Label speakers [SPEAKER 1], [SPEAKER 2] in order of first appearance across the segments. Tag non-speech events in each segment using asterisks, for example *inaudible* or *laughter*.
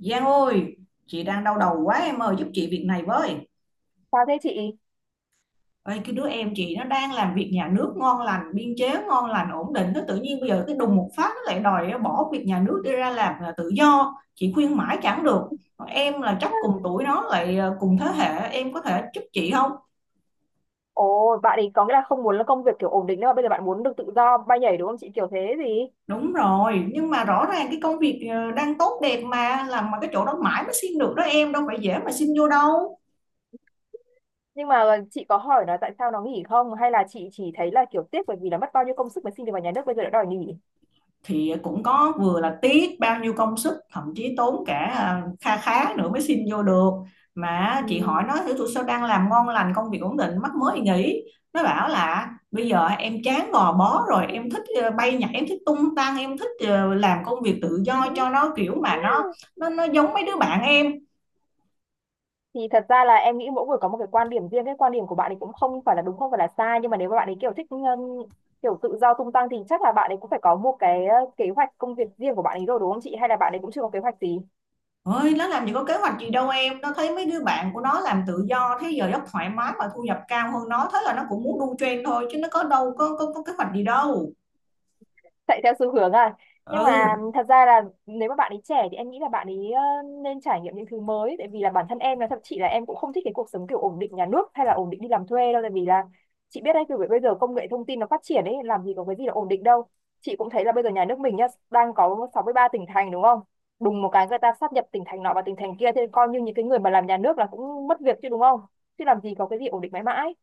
[SPEAKER 1] Giang ơi, chị đang đau đầu quá em ơi, giúp chị việc này với.
[SPEAKER 2] Sao thế chị?
[SPEAKER 1] Ê, cái đứa em chị nó đang làm việc nhà nước ngon lành, biên chế ngon lành, ổn định. Nó tự nhiên bây giờ cái đùng một phát nó lại đòi bỏ việc nhà nước đi ra làm là tự do. Chị khuyên mãi chẳng được. Em là chắc cùng tuổi nó lại cùng thế hệ, em có thể giúp chị không?
[SPEAKER 2] Ồ, bạn ấy có nghĩa là không muốn là công việc kiểu ổn định nữa mà bây giờ bạn muốn được tự do bay nhảy đúng không chị? Kiểu thế gì?
[SPEAKER 1] Đúng rồi, nhưng mà rõ ràng cái công việc đang tốt đẹp mà, làm mà cái chỗ đó mãi mới xin được đó em, đâu phải dễ mà xin vô đâu.
[SPEAKER 2] Nhưng mà chị có hỏi nó tại sao nó nghỉ không? Hay là chị chỉ thấy là kiểu tiếc bởi vì là mất bao nhiêu công sức mới xin được vào nhà nước bây giờ đã đòi nghỉ?
[SPEAKER 1] Thì cũng có vừa là tiếc bao nhiêu công sức thậm chí tốn cả kha khá nữa mới xin vô được, mà chị
[SPEAKER 2] Ừ.
[SPEAKER 1] hỏi nó thử tụi sao đang làm ngon lành công việc ổn định mắc mới nghỉ. Nó bảo là bây giờ em chán gò bó rồi, em thích bay nhảy, em thích tung tăng, em thích làm công việc tự do cho
[SPEAKER 2] *laughs*
[SPEAKER 1] nó kiểu mà nó giống mấy đứa bạn em.
[SPEAKER 2] Thì thật ra là em nghĩ mỗi người có một cái quan điểm riêng, cái quan điểm của bạn ấy cũng không phải là đúng không phải là sai nhưng mà nếu mà bạn ấy kiểu thích kiểu tự do tung tăng thì chắc là bạn ấy cũng phải có một cái kế hoạch công việc riêng của bạn ấy rồi đúng không chị? Hay là bạn ấy cũng chưa có kế hoạch gì?
[SPEAKER 1] Ơi, nó làm gì có kế hoạch gì đâu em, nó thấy mấy đứa bạn của nó làm tự do thế giờ giấc thoải mái và thu nhập cao hơn nó, thế là nó cũng muốn đu trend thôi, chứ nó có đâu có kế hoạch gì đâu.
[SPEAKER 2] Chạy theo xu hướng à. Nhưng mà
[SPEAKER 1] Ừ,
[SPEAKER 2] thật ra là nếu mà bạn ấy trẻ thì em nghĩ là bạn ấy nên trải nghiệm những thứ mới tại vì là bản thân em là thậm chí là em cũng không thích cái cuộc sống kiểu ổn định nhà nước hay là ổn định đi làm thuê đâu tại vì là chị biết đấy kiểu bây giờ công nghệ thông tin nó phát triển ấy làm gì có cái gì là ổn định đâu. Chị cũng thấy là bây giờ nhà nước mình nhá đang có 63 tỉnh thành đúng không, đùng một cái người ta sáp nhập tỉnh thành nọ và tỉnh thành kia thế coi như những cái người mà làm nhà nước là cũng mất việc chứ đúng không, chứ làm gì có cái gì ổn định mãi mãi.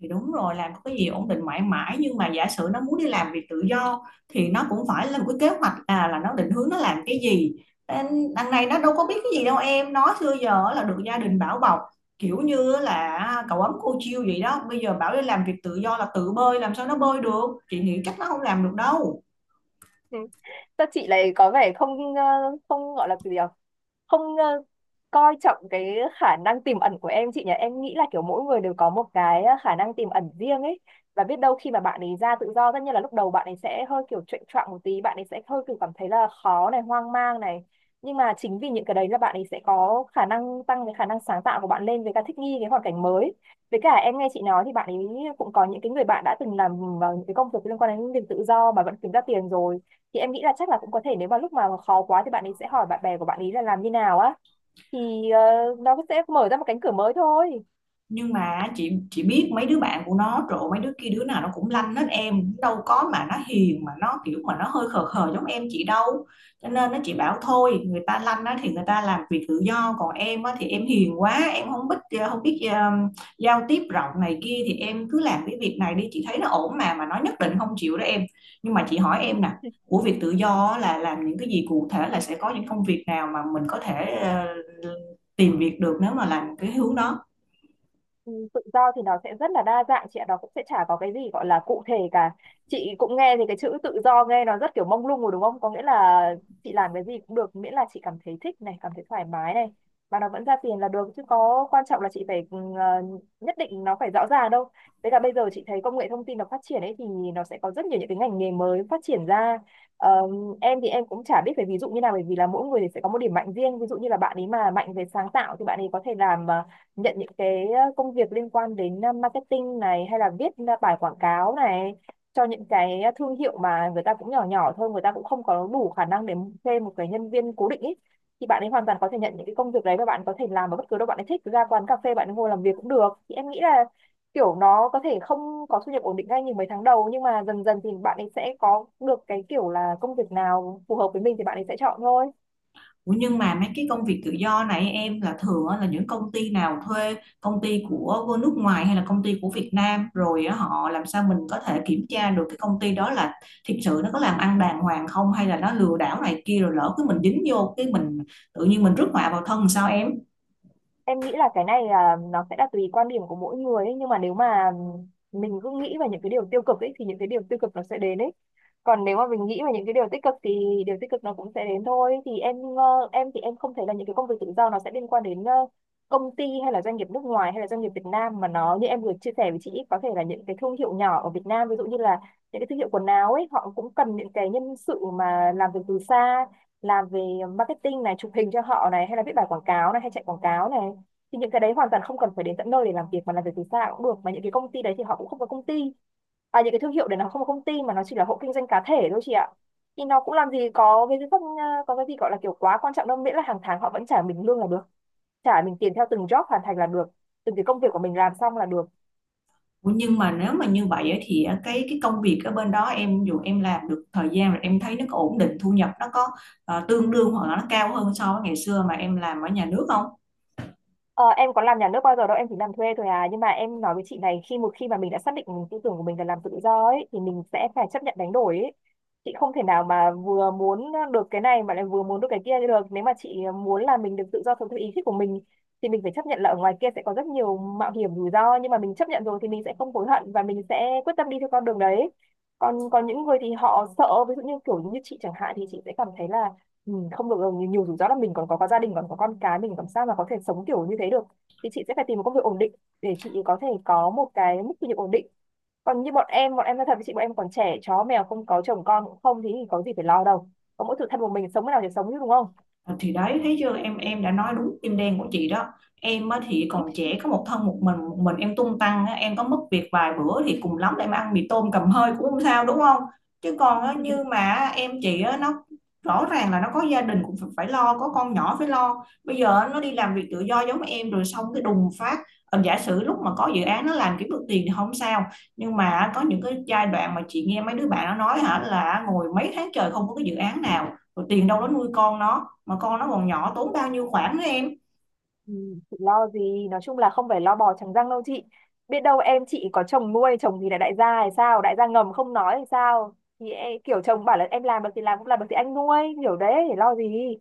[SPEAKER 1] thì đúng rồi, làm có cái gì ổn định mãi mãi, nhưng mà giả sử nó muốn đi làm việc tự do thì nó cũng phải lên một cái kế hoạch, à, là nó định hướng nó làm cái gì. Nên đằng này nó đâu có biết cái gì đâu em, nó xưa giờ là được gia đình bảo bọc, kiểu như là cậu ấm cô chiêu vậy đó, bây giờ bảo đi làm việc tự do là tự bơi, làm sao nó bơi được, chị nghĩ chắc nó không làm được đâu.
[SPEAKER 2] Ừ. Sao chị lại có vẻ không không gọi là cái gì nhỉ? Không ờ, coi trọng cái khả năng tiềm ẩn của em chị nhỉ? Em nghĩ là kiểu mỗi người đều có một cái khả năng tiềm ẩn riêng ấy, và biết đâu khi mà bạn ấy ra tự do tất nhiên là lúc đầu bạn ấy sẽ hơi kiểu chệch choạng một tí, bạn ấy sẽ hơi kiểu cảm thấy là khó này, hoang mang này. Nhưng mà chính vì những cái đấy là bạn ấy sẽ có khả năng tăng cái khả năng sáng tạo của bạn lên với cả thích nghi cái hoàn cảnh mới. Với cả em nghe chị nói thì bạn ấy cũng có những cái người bạn đã từng làm vào những cái công việc liên quan đến việc tự do mà vẫn kiếm ra tiền rồi thì em nghĩ là chắc là cũng có thể nếu mà lúc mà khó quá thì bạn ấy sẽ hỏi bạn bè của bạn ấy là làm như nào á thì ờ, nó sẽ mở ra một cánh cửa mới thôi.
[SPEAKER 1] Nhưng mà chị biết mấy đứa bạn của nó, trộn mấy đứa kia đứa nào nó cũng lanh hết em, đâu có mà nó hiền, mà nó kiểu mà nó hơi khờ khờ giống em chị đâu. Cho nên nó, chị bảo thôi, người ta lanh á thì người ta làm việc tự do, còn em á thì em hiền quá, em không biết không biết giao tiếp rộng này kia, thì em cứ làm cái việc này đi, chị thấy nó ổn mà nó nhất định không chịu đó em. Nhưng mà chị hỏi em nè, của việc tự do á là làm những cái gì, cụ thể là sẽ có những công việc nào mà mình có thể tìm việc được nếu mà làm cái hướng đó.
[SPEAKER 2] Ừ, tự do thì nó sẽ rất là đa dạng chị ạ, nó cũng sẽ chả có cái gì gọi là cụ thể cả. Chị cũng nghe thì cái chữ tự do nghe nó rất kiểu mông lung rồi đúng không? Có nghĩa là chị làm cái gì cũng được, miễn là chị cảm thấy thích này, cảm thấy thoải mái này và nó vẫn ra tiền là được chứ có quan trọng là chị phải nhất định nó phải rõ ràng đâu. Với cả bây giờ chị thấy công nghệ thông tin nó phát triển ấy thì nó sẽ có rất nhiều những cái ngành nghề mới phát triển ra. Ờ, em thì em cũng chả biết phải ví dụ như nào bởi vì là mỗi người thì sẽ có một điểm mạnh riêng. Ví dụ như là bạn ấy mà mạnh về sáng tạo thì bạn ấy có thể làm nhận những cái công việc liên quan đến marketing này hay là viết bài quảng cáo này cho những cái thương hiệu mà người ta cũng nhỏ nhỏ thôi người ta cũng không có đủ khả năng để thuê một cái nhân viên cố định ý, thì bạn ấy hoàn toàn có thể nhận những cái công việc đấy và bạn có thể làm ở bất cứ đâu bạn ấy thích, ra quán cà phê bạn ấy ngồi làm việc cũng được thì em nghĩ là kiểu nó có thể không có thu nhập ổn định ngay những mấy tháng đầu nhưng mà dần dần thì bạn ấy sẽ có được cái kiểu là công việc nào phù hợp với mình thì bạn ấy sẽ chọn thôi.
[SPEAKER 1] Ủa nhưng mà mấy cái công việc tự do này em, là thường á, là những công ty nào thuê, công ty của nước ngoài hay là công ty của Việt Nam rồi á, họ làm sao mình có thể kiểm tra được cái công ty đó là thực sự nó có làm ăn đàng hoàng không, hay là nó lừa đảo này kia, rồi lỡ cứ mình dính vô cái mình tự nhiên mình rước họa vào thân sao em.
[SPEAKER 2] Em nghĩ là cái này là nó sẽ là tùy quan điểm của mỗi người ấy. Nhưng mà nếu mà mình cứ nghĩ về những cái điều tiêu cực ấy thì những cái điều tiêu cực nó sẽ đến ấy, còn nếu mà mình nghĩ về những cái điều tích cực thì điều tích cực nó cũng sẽ đến thôi. Thì em thì em không thấy là những cái công việc tự do nó sẽ liên quan đến công ty hay là doanh nghiệp nước ngoài hay là doanh nghiệp Việt Nam mà nó như em vừa chia sẻ với chị ấy, có thể là những cái thương hiệu nhỏ ở Việt Nam, ví dụ như là những cái thương hiệu quần áo ấy họ cũng cần những cái nhân sự mà làm việc từ xa, làm về marketing này, chụp hình cho họ này hay là viết bài quảng cáo này hay chạy quảng cáo này, thì những cái đấy hoàn toàn không cần phải đến tận nơi để làm việc mà làm việc từ xa cũng được, mà những cái công ty đấy thì họ cũng không có công ty, à những cái thương hiệu đấy nó không có công ty mà nó chỉ là hộ kinh doanh cá thể thôi chị ạ, thì nó cũng làm gì có cái gì không có cái gì gọi là kiểu quá quan trọng đâu, miễn là hàng tháng họ vẫn trả mình lương là được, trả mình tiền theo từng job hoàn thành là được, từng cái công việc của mình làm xong là được.
[SPEAKER 1] Ủa nhưng mà nếu mà như vậy á, thì á, cái công việc ở bên đó em, dù em làm được thời gian rồi em thấy nó có ổn định thu nhập, nó có tương đương hoặc là nó cao hơn so với ngày xưa mà em làm ở nhà nước không.
[SPEAKER 2] Ờ, em có làm nhà nước bao giờ đâu, em chỉ làm thuê thôi à. Nhưng mà em nói với chị này, khi một khi mà mình đã xác định tư tưởng của mình là làm tự do ấy, thì mình sẽ phải chấp nhận đánh đổi ấy. Chị không thể nào mà vừa muốn được cái này mà lại vừa muốn được cái kia được. Nếu mà chị muốn là mình được tự do sống theo ý thích của mình, thì mình phải chấp nhận là ở ngoài kia sẽ có rất nhiều mạo hiểm rủi ro. Nhưng mà mình chấp nhận rồi thì mình sẽ không hối hận và mình sẽ quyết tâm đi theo con đường đấy. Còn còn những người thì họ sợ, ví dụ như kiểu như chị chẳng hạn thì chị sẽ cảm thấy là ừ, không được rồi, nhiều rủi ro lắm, mình còn có gia đình còn có con cái, mình làm sao mà có thể sống kiểu như thế được, thì chị sẽ phải tìm một công việc ổn định để chị có thể có một cái mức thu nhập ổn định. Còn như bọn em nói thật với chị, bọn em còn trẻ chó mèo, không có chồng con cũng không thì có gì phải lo đâu, có mỗi tự thân một mình sống thế nào thì sống chứ đúng không.
[SPEAKER 1] Ờ, thì đấy thấy chưa em đã nói đúng tim đen của chị đó. Em á, thì còn trẻ có một thân một mình, một mình em tung tăng á, em có mất việc vài bữa thì cùng lắm là em ăn mì tôm cầm hơi cũng không sao đúng không. Chứ còn á, như
[SPEAKER 2] *laughs*
[SPEAKER 1] mà em chị á, nó rõ ràng là nó có gia đình cũng phải lo, có con nhỏ phải lo, bây giờ á, nó đi làm việc tự do giống em rồi xong cái đùng phát, giả sử lúc mà có dự án nó làm kiếm được tiền thì không sao, nhưng mà có những cái giai đoạn mà chị nghe mấy đứa bạn nó nói hả là ngồi mấy tháng trời không có cái dự án nào, rồi tiền đâu nó nuôi con nó, mà con nó còn nhỏ tốn bao nhiêu khoản nữa em.
[SPEAKER 2] Ừ, chị lo gì, nói chung là không phải lo bò trắng răng đâu chị, biết đâu em chị có chồng nuôi, chồng thì là đại gia hay sao, đại gia ngầm không nói hay sao, thì kiểu chồng bảo là em làm được thì làm, cũng làm được thì anh nuôi, hiểu đấy thì lo gì.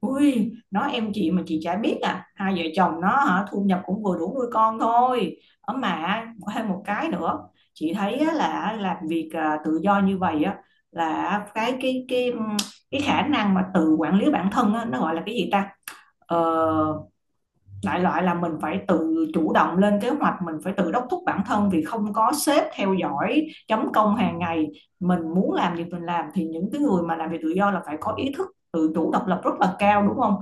[SPEAKER 1] Ui, nói em chị mà chị chả biết à, hai vợ chồng nó hả thu nhập cũng vừa đủ nuôi con thôi, ở mà có thêm một cái nữa. Chị thấy á, là làm việc à, tự do như vậy á, là cái cái khả năng mà tự quản lý bản thân á, nó gọi là cái gì ta, ờ, đại loại là mình phải tự chủ động lên kế hoạch, mình phải tự đốc thúc bản thân vì không có sếp theo dõi chấm công hàng ngày, mình muốn làm gì mình làm, thì những cái người mà làm việc tự do là phải có ý thức tự chủ độc lập rất là cao đúng không,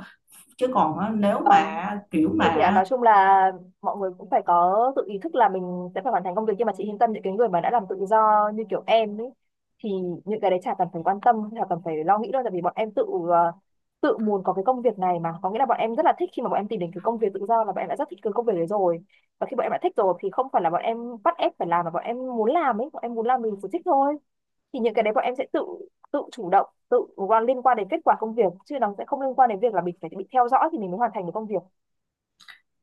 [SPEAKER 1] chứ
[SPEAKER 2] Ừ,
[SPEAKER 1] còn nếu
[SPEAKER 2] vâng,
[SPEAKER 1] mà kiểu
[SPEAKER 2] đúng rồi chị ạ.
[SPEAKER 1] mà.
[SPEAKER 2] Nói chung là mọi người cũng phải có tự ý thức là mình sẽ phải hoàn thành công việc, nhưng mà chị yên tâm, những cái người mà đã làm tự do như kiểu em ấy thì những cái đấy chả cần phải quan tâm, chả cần phải lo nghĩ đâu, tại vì bọn em tự muốn có cái công việc này mà, có nghĩa là bọn em rất là thích, khi mà bọn em tìm đến cái công việc tự do là bọn em đã rất thích cái công việc đấy rồi. Và khi bọn em đã thích rồi thì không phải là bọn em bắt ép phải làm mà bọn em muốn làm ấy, bọn em muốn làm mình sẽ thích thôi. Thì những cái đấy bọn em sẽ tự tự chủ động, tự liên quan đến kết quả công việc, chứ nó sẽ không liên quan đến việc là mình phải bị theo dõi thì mình mới hoàn thành được công việc.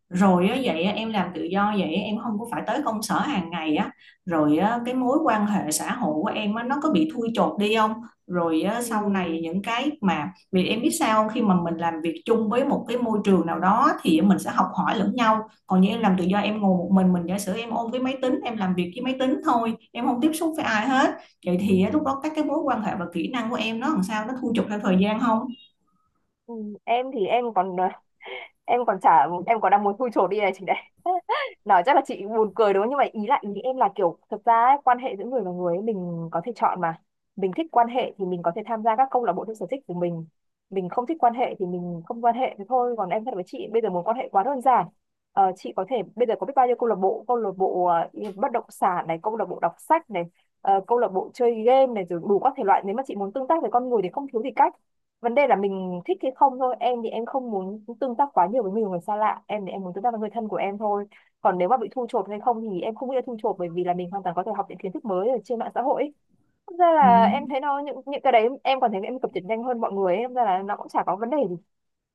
[SPEAKER 1] Rồi á, vậy á, em làm tự do vậy á, em không có phải tới công sở hàng ngày á, rồi á, cái mối quan hệ xã hội của em á, nó có bị thui chột đi không, rồi á,
[SPEAKER 2] Ừ,
[SPEAKER 1] sau này những cái mà, vì em biết sao không? Khi mà mình làm việc chung với một cái môi trường nào đó thì mình sẽ học hỏi lẫn nhau, còn như em làm tự do em ngồi một mình giả sử em ôm cái máy tính em làm việc với máy tính thôi, em không tiếp xúc với ai hết, vậy thì á, lúc đó các cái mối quan hệ và kỹ năng của em nó làm sao, nó thui chột theo thời gian không.
[SPEAKER 2] ừ, em thì em còn em còn chả, em còn đang muốn thui chột đi này chị đấy. *laughs* Nói chắc là chị buồn cười đúng không, nhưng mà ý em là kiểu thực ra ấy, quan hệ giữa người và người ấy, mình có thể chọn mà. Mình thích quan hệ thì mình có thể tham gia các câu lạc bộ theo sở thích của mình không thích quan hệ thì mình không quan hệ, thế thôi. Còn em thật với chị, bây giờ muốn quan hệ quá đơn giản. Ờ, chị có thể bây giờ có biết bao nhiêu câu lạc bộ, bất động sản này, câu lạc bộ đọc sách này, câu lạc bộ chơi game này, rồi đủ các thể loại. Nếu mà chị muốn tương tác với con người thì không thiếu gì cách, vấn đề là mình thích hay không thôi. Em thì em không muốn tương tác quá nhiều với nhiều người xa lạ, em thì em muốn tương tác với người thân của em thôi. Còn nếu mà bị thu chột hay không thì em không nghĩ là thu chột, bởi vì là mình hoàn toàn có thể học những kiến thức mới ở trên mạng xã hội ấy. Thật ra
[SPEAKER 1] Ừ.
[SPEAKER 2] là em thấy nó, những cái đấy em còn thấy em cập nhật nhanh hơn mọi người ấy. Thật ra là nó cũng chả có vấn đề gì.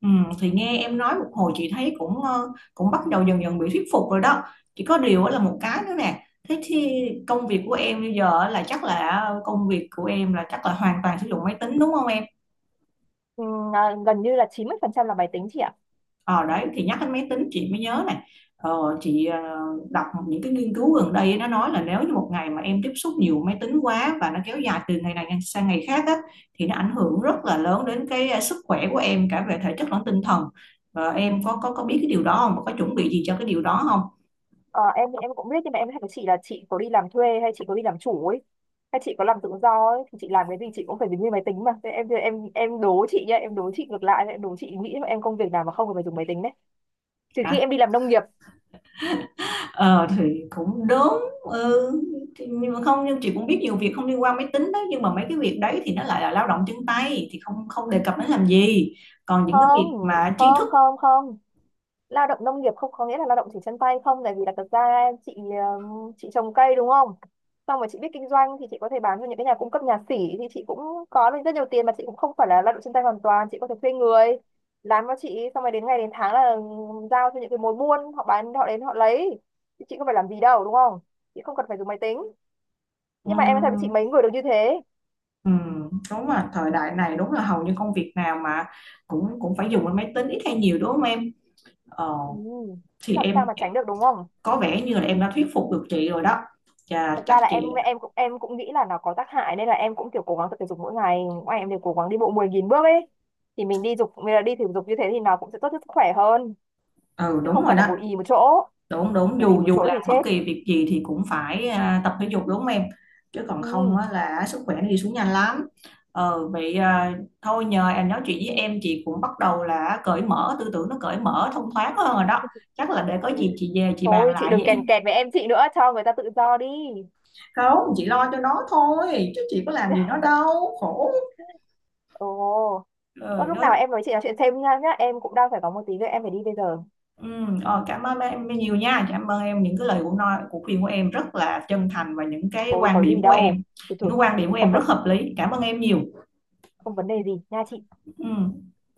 [SPEAKER 1] Ừ, thì nghe em nói một hồi chị thấy cũng cũng bắt đầu dần dần bị thuyết phục rồi đó, chỉ có điều á là một cái nữa nè, thế thì công việc của em bây giờ á là chắc là công việc của em là chắc là hoàn toàn sử dụng máy tính đúng không em.
[SPEAKER 2] À, gần như là 90% là máy tính chị ạ.
[SPEAKER 1] Ờ đấy thì nhắc đến máy tính chị mới nhớ này, chị đọc những cái nghiên cứu gần đây nó nói là nếu như một ngày mà em tiếp xúc nhiều máy tính quá và nó kéo dài từ ngày này sang ngày khác á, thì nó ảnh hưởng rất là lớn đến cái sức khỏe của em cả về thể chất lẫn tinh thần. Ờ,
[SPEAKER 2] Ừ.
[SPEAKER 1] em có biết cái điều đó không, có chuẩn bị gì cho cái điều đó không.
[SPEAKER 2] Ờ, em thì em cũng biết, nhưng mà em hỏi chị là chị có đi làm thuê hay chị có đi làm chủ ấy, hay chị có làm tự do ấy, thì chị làm cái gì chị cũng phải dùng như máy tính mà. Thế em đố chị nhá, em đố chị ngược lại, em đố chị nghĩ em công việc nào mà không cần phải dùng máy tính đấy, trừ
[SPEAKER 1] Hả,
[SPEAKER 2] khi em đi làm nông nghiệp.
[SPEAKER 1] ờ thì cũng đúng. Ừ. Thì- nhưng mà không, nhưng chị cũng biết nhiều việc không liên quan máy tính đó, nhưng mà mấy cái việc đấy thì nó lại là lao động chân tay thì không không đề cập đến làm gì, còn những cái
[SPEAKER 2] Không,
[SPEAKER 1] việc mà trí thức.
[SPEAKER 2] không không không, lao động nông nghiệp không có nghĩa là lao động chỉ chân tay không, tại vì là thật ra chị, chị trồng cây đúng không, xong rồi chị biết kinh doanh thì chị có thể bán cho những cái nhà cung cấp, nhà xỉ, thì chị cũng có được rất nhiều tiền, mà chị cũng không phải là lao động chân tay hoàn toàn, chị có thể thuê người làm cho chị, xong rồi đến ngày đến tháng là giao cho những cái mối buôn, họ bán, họ đến họ lấy, thì chị không phải làm gì đâu đúng không, chị không cần phải dùng máy tính. Nhưng mà em nói thật với chị,
[SPEAKER 1] Ừ,
[SPEAKER 2] mấy người được như thế.
[SPEAKER 1] ừ, đúng là thời đại này đúng là hầu như công việc nào mà cũng cũng phải dùng đến máy tính ít hay nhiều đúng không em? Ờ,
[SPEAKER 2] Ừ. Chứ
[SPEAKER 1] thì
[SPEAKER 2] làm sao
[SPEAKER 1] em
[SPEAKER 2] mà tránh được đúng không.
[SPEAKER 1] có vẻ như là em đã thuyết phục được chị rồi đó. Chà,
[SPEAKER 2] Thật
[SPEAKER 1] chắc
[SPEAKER 2] ra là
[SPEAKER 1] chị.
[SPEAKER 2] em cũng nghĩ là nó có tác hại, nên là em cũng kiểu cố gắng tập thể dục mỗi ngày, ngoài em đều cố gắng đi bộ 10.000 bước ấy, thì mình đi dục mình là đi thể dục như thế thì nó cũng sẽ tốt cho sức khỏe hơn,
[SPEAKER 1] Ừ
[SPEAKER 2] chứ
[SPEAKER 1] đúng
[SPEAKER 2] không
[SPEAKER 1] rồi
[SPEAKER 2] phải là
[SPEAKER 1] đó.
[SPEAKER 2] ngồi ì một chỗ.
[SPEAKER 1] Đúng đúng,
[SPEAKER 2] Ngồi ì
[SPEAKER 1] dù
[SPEAKER 2] một
[SPEAKER 1] dù
[SPEAKER 2] chỗ thì
[SPEAKER 1] làm bất
[SPEAKER 2] chết.
[SPEAKER 1] kỳ việc gì thì cũng phải tập thể dục đúng không em? Chứ còn không
[SPEAKER 2] Ừ.
[SPEAKER 1] á, là sức khỏe nó đi xuống nhanh lắm. Ờ vậy à, thôi nhờ em nói chuyện với em chị cũng bắt đầu là cởi mở tư tưởng, nó cởi mở thông thoáng hơn rồi đó. Chắc là để có gì chị về chị bàn
[SPEAKER 2] Thôi chị
[SPEAKER 1] lại với
[SPEAKER 2] đừng
[SPEAKER 1] em.
[SPEAKER 2] kèn kẹt với em, chị nữa cho người ta tự do đi.
[SPEAKER 1] Không, chị lo cho nó thôi chứ chị có làm gì nó đâu, khổ.
[SPEAKER 2] Ồ, có
[SPEAKER 1] Trời
[SPEAKER 2] lúc
[SPEAKER 1] ơi.
[SPEAKER 2] nào em nói chị nói chuyện thêm nha nhá, em cũng đang phải có một tí việc em phải đi bây giờ.
[SPEAKER 1] ừ, Cảm ơn em nhiều nha, cảm ơn em những cái lời của nói của khuyên của em rất là chân thành, và những cái
[SPEAKER 2] Thôi
[SPEAKER 1] quan
[SPEAKER 2] có gì
[SPEAKER 1] điểm của em,
[SPEAKER 2] đâu. Thôi
[SPEAKER 1] những cái
[SPEAKER 2] thôi.
[SPEAKER 1] quan điểm của em
[SPEAKER 2] Không cần.
[SPEAKER 1] rất hợp lý, cảm ơn em nhiều.
[SPEAKER 2] Không vấn đề gì nha chị.
[SPEAKER 1] Ừ.